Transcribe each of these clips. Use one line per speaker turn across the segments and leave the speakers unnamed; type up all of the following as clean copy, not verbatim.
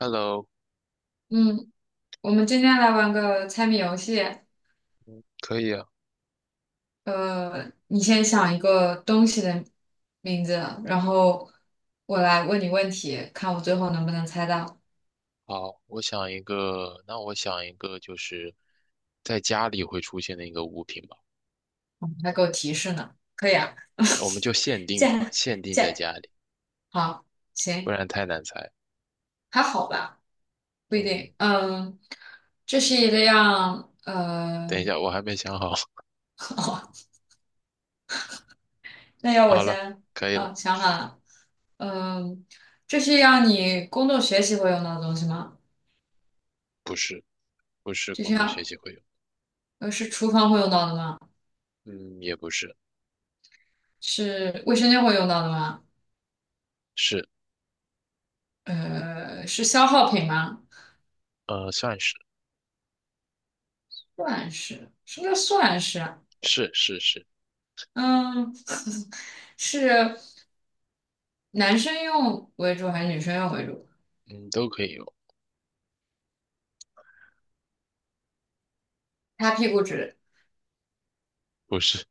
Hello，
嗯，我们今天来玩个猜谜游戏。
可以啊。
你先想一个东西的名字，然后我来问你问题，看我最后能不能猜到，
好，我想一个，就是在家里会出现的一个物品吧。
你还给我提示呢。可以啊，
我们就限定
这
嘛，
样
限定
这
在
样，
家里，
好，
不
行，
然太难猜。
还好吧，不一
嗯，
定。嗯，这是一个样，
等一下，我还没想好。
哦，那要我
好了，
先，
可以了。
嗯，想好了，嗯，这是一样你工作学习会用到的东西吗？
不是，不是
这是
工作学
要，
习会用。
是厨房会用到的吗？
嗯，也不是。
是卫生间会用到的吗？
是，
是消耗品吗？
算是，
算是，什么叫算是啊？
是是是。
嗯，是男生用为主还是女生用为主？
嗯，都可以用。
擦屁股纸，
不是。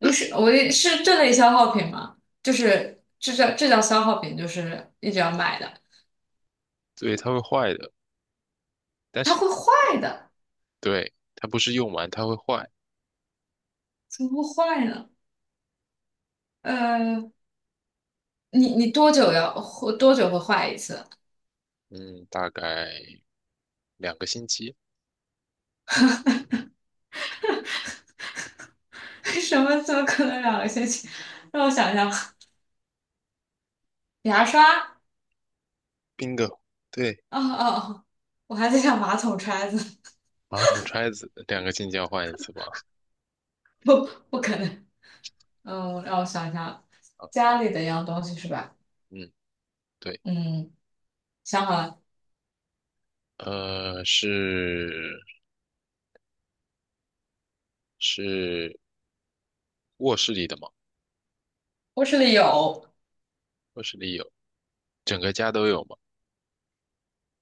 嗯，是，我也是这类消耗品吗？就是这叫消耗品，就是一直要买的，
对，它会坏的，但
它
是
会坏的，
对，它不是用完它会坏。
怎么会坏呢？呃，你多久要会多久会坏一次？
嗯，大概2个星期。
什么？怎么可能两个星期？让我想一下，牙刷。
bingo。对，
哦哦，哦！我还在想马桶揣子，
马桶揣子两个进交换一次吧。
不可能。嗯，让我想一想，
啊，
家里的一样东西是吧？
嗯，对，
嗯，想好了，
呃，是是卧室里的吗？
卧室里有
卧室里有，整个家都有吗？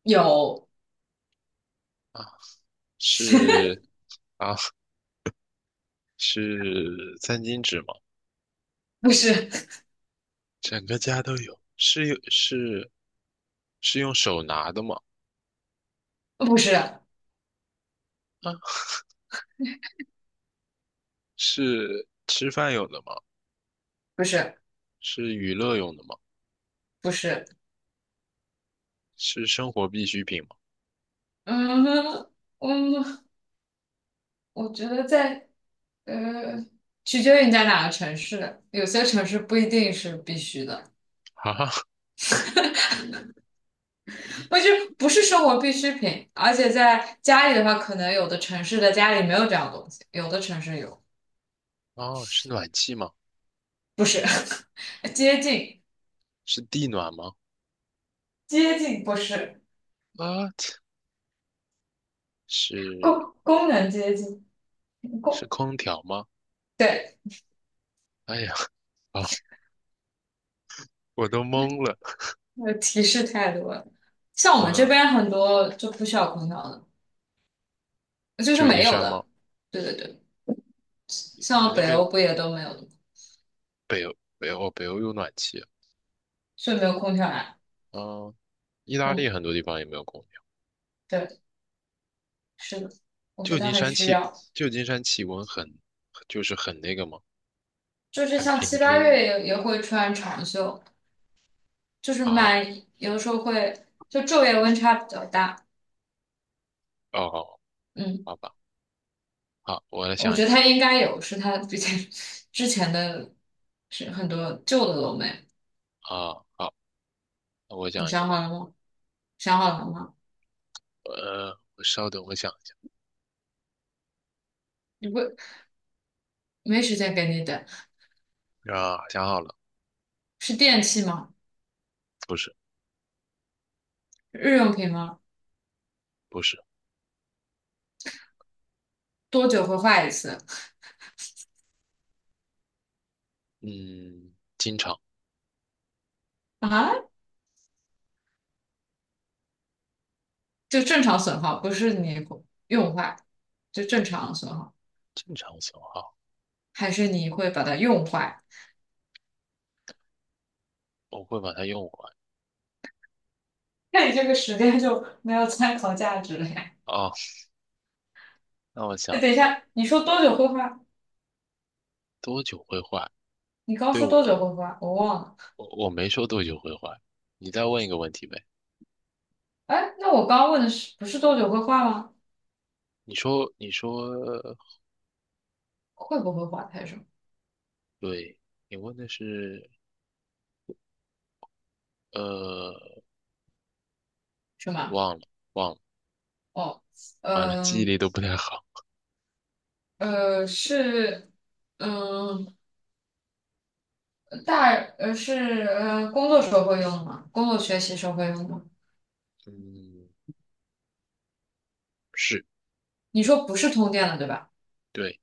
有，
啊，是啊，是餐巾纸吗？
不是
整个家都有，是用手拿的吗？
不是
啊，是吃饭用的吗？
不是
是娱乐用的吗？
不是，
是生活必需品吗？
嗯嗯，我觉得在呃，取决于你在哪个城市，有些城市不一定是必须的，
啊，
不是生活必需品，而且在家里的话，可能有的城市的家里没有这样东西，有的城市有，
哦，是暖气吗？
不是。接近，
是地暖吗？
接近不是
啊，是
功能接近
是
功，
空调吗？
对，
哎呀，啊，我都懵了。
那个提示太多了。像我们这
嗯，
边很多就不需要空调的，就是
旧
没
金
有
山吗？
的。对对对，
你们
像
那
北
边
欧不也都没有的吗，
北欧，哦，北欧有暖气啊。
所以没有空调呀。
嗯，意大利
嗯，
很多地方也没有空调。
对，是的，我觉
旧
得它
金
很
山
需
气，
要，
旧金山气温很，就是很那个吗？
就是
很
像
平
七八
均
月
吗？
也会穿长袖，就是
啊，
蛮有的时候会就昼夜温差比较大。
哦，
嗯。
好吧，好，我来
我
想一
觉得
个。
它应该有，是它之前 之前的，是很多旧的楼没，
啊，好，那我
你
想一个
想
吧。
好了吗？想好了吗？
我稍等，我想一下。
你不没时间给你等，
啊，想好了。
是电器吗？
不是，
日用品吗？
不是。
多久会坏一次？
嗯，
啊，就正常损耗，不是你用坏，就正常损耗，
正常损耗，
还是你会把它用坏？
我会把它用完。
那你这个时间就没有参考价值了呀。
哦，那我想
哎，等一
一下，
下，你说多久会坏？
多久会坏？
你刚
对
说
我，
多久会坏，我忘了。
我我没说多久会还，你再问一个问题呗。
哎，那我刚问的是不是多久会坏吗？
你说，
会不会滑太深？
对，你问的是呃，
是吗？
忘了忘了，
哦，
完了，记忆
嗯
力都不太好。
是嗯大是工作时候会用吗？工作学习时候会用吗？
嗯，是，
你说不是通电的对吧？
对，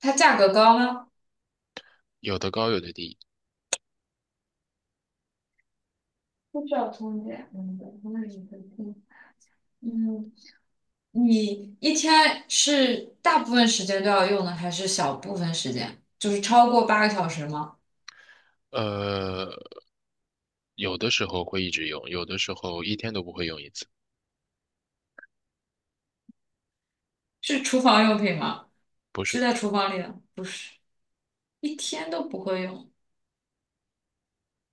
它价格高吗？
有的高有的低。
不需要通电，嗯，对那你可以听嗯，你一天是大部分时间都要用的，还是小部分时间？就是超过八个小时吗？
呃，有的时候会一直用，有的时候一天都不会用一次。
是厨房用品吗？
不
是
是
在厨房里的？不是，一天都不会用。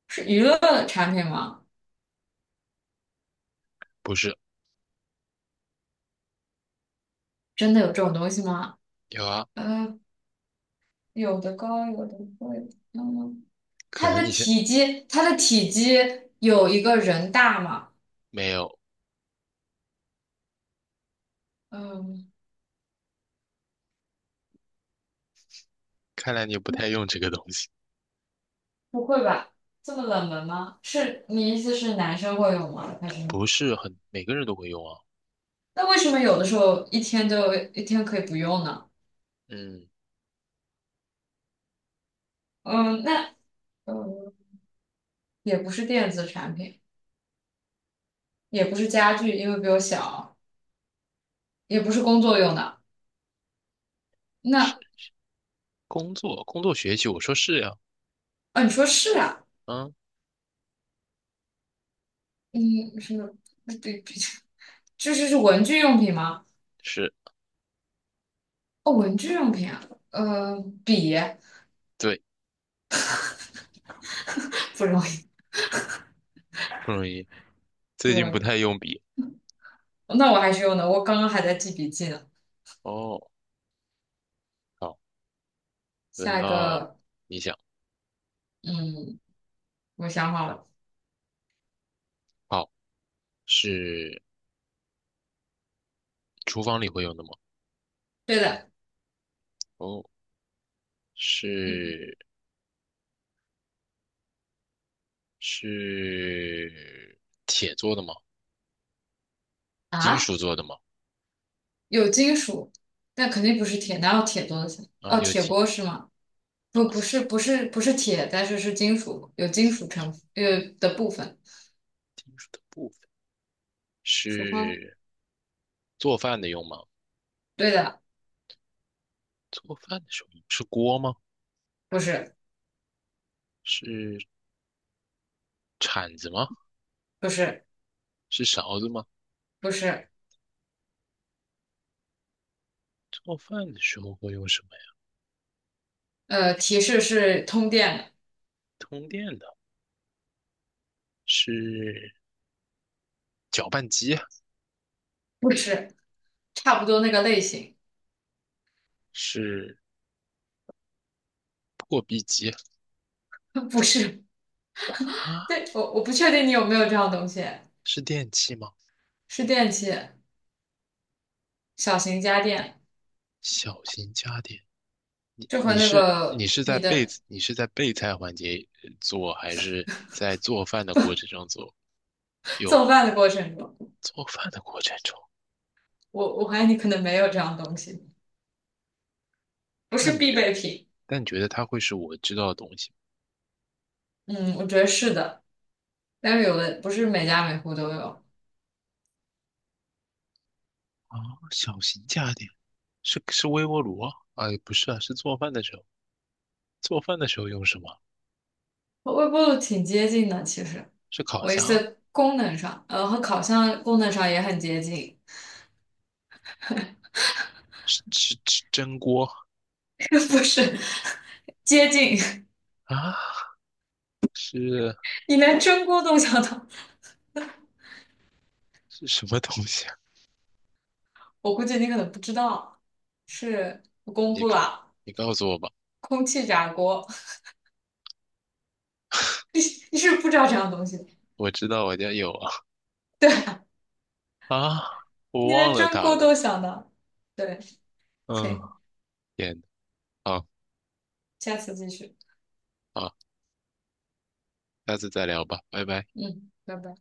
是娱乐的产品吗？
不是，
真的有这种东西吗？
有啊，
呃，有的高，有的贵。嗯，
可
它
能
的
你现
体积，它的体积有一个人大吗？
没有。
嗯，
看来你不太用这个东西。
不会吧？这么冷门吗？是你意思是男生会用吗？还是？
不是很，每个人都会用啊。
那为什么有的时候一天可以不用呢？
嗯，
嗯，那嗯，也不是电子产品，也不是家具，因为比我小，也不是工作用的。那
是工作学习，我说是呀，
啊，你说是啊？
啊。
嗯，什么？比较。这是文具用品吗？
是，
哦，文具用品啊，呃，笔
对，
不容易，
不容易。最
不
近不
容
太用笔。
易。那我还是用的，我刚刚还在记笔记呢。
哦，好，轮
下一
到
个，
你想。
嗯，我想好了，
好，是厨房里会用的吗？
对的，
哦，
一
是是铁做的吗？金属
啊，
做的吗？
有金属，但肯定不是铁，哪有铁做的钱
啊，
哦，
有
铁
金
锅是吗？不，不是，不是，不是铁，但是是金属，有金属成的部分。
金属的部分。
厨房，
是做饭的用吗？
对的，
做饭的时候用是锅吗？
不是，
是铲子吗？
不是，
是勺子吗？
不是，
做饭的时候会用什么呀？
提示是通电的，
通电的，是搅拌机啊
不是，差不多那个类型，
是。破壁机
不是。
啊，
对，我不确定你有没有这样东西，
是电器吗？
是电器，小型家电，
小型家电，
就和
你
那
是你
个
是在
你
备
的
你是在备菜环节做，还是在做饭的过程中做？
做饭的过程中，
做饭的过程中，
我怀疑你可能没有这样东西，不是
但你
必
觉
备品。
但你觉得它会是我知道的东西吗
嗯，我觉得是的，但是有的不是每家每户都有。
啊？小型家电是微波炉啊？哎，不是啊，是做饭的时候用什么？
和微波炉挺接近的，其实，
是烤
我意
箱？
思功能上，和烤箱功能上也很接近，
是蒸锅
不是接近。
啊？是
你连蒸锅都想到，
是什么东西啊？
我估计你可能不知道，是我公
你
布
告
了。
你告诉我吧，
空气炸锅，你是不是不知道这样东西的
我知道我家有啊。啊，我
你
忘
连
了
蒸
他
锅
了。
都想到。对，
嗯，
行，
天，好
下次继续。
好，下次再聊吧，拜拜。
嗯，拜拜。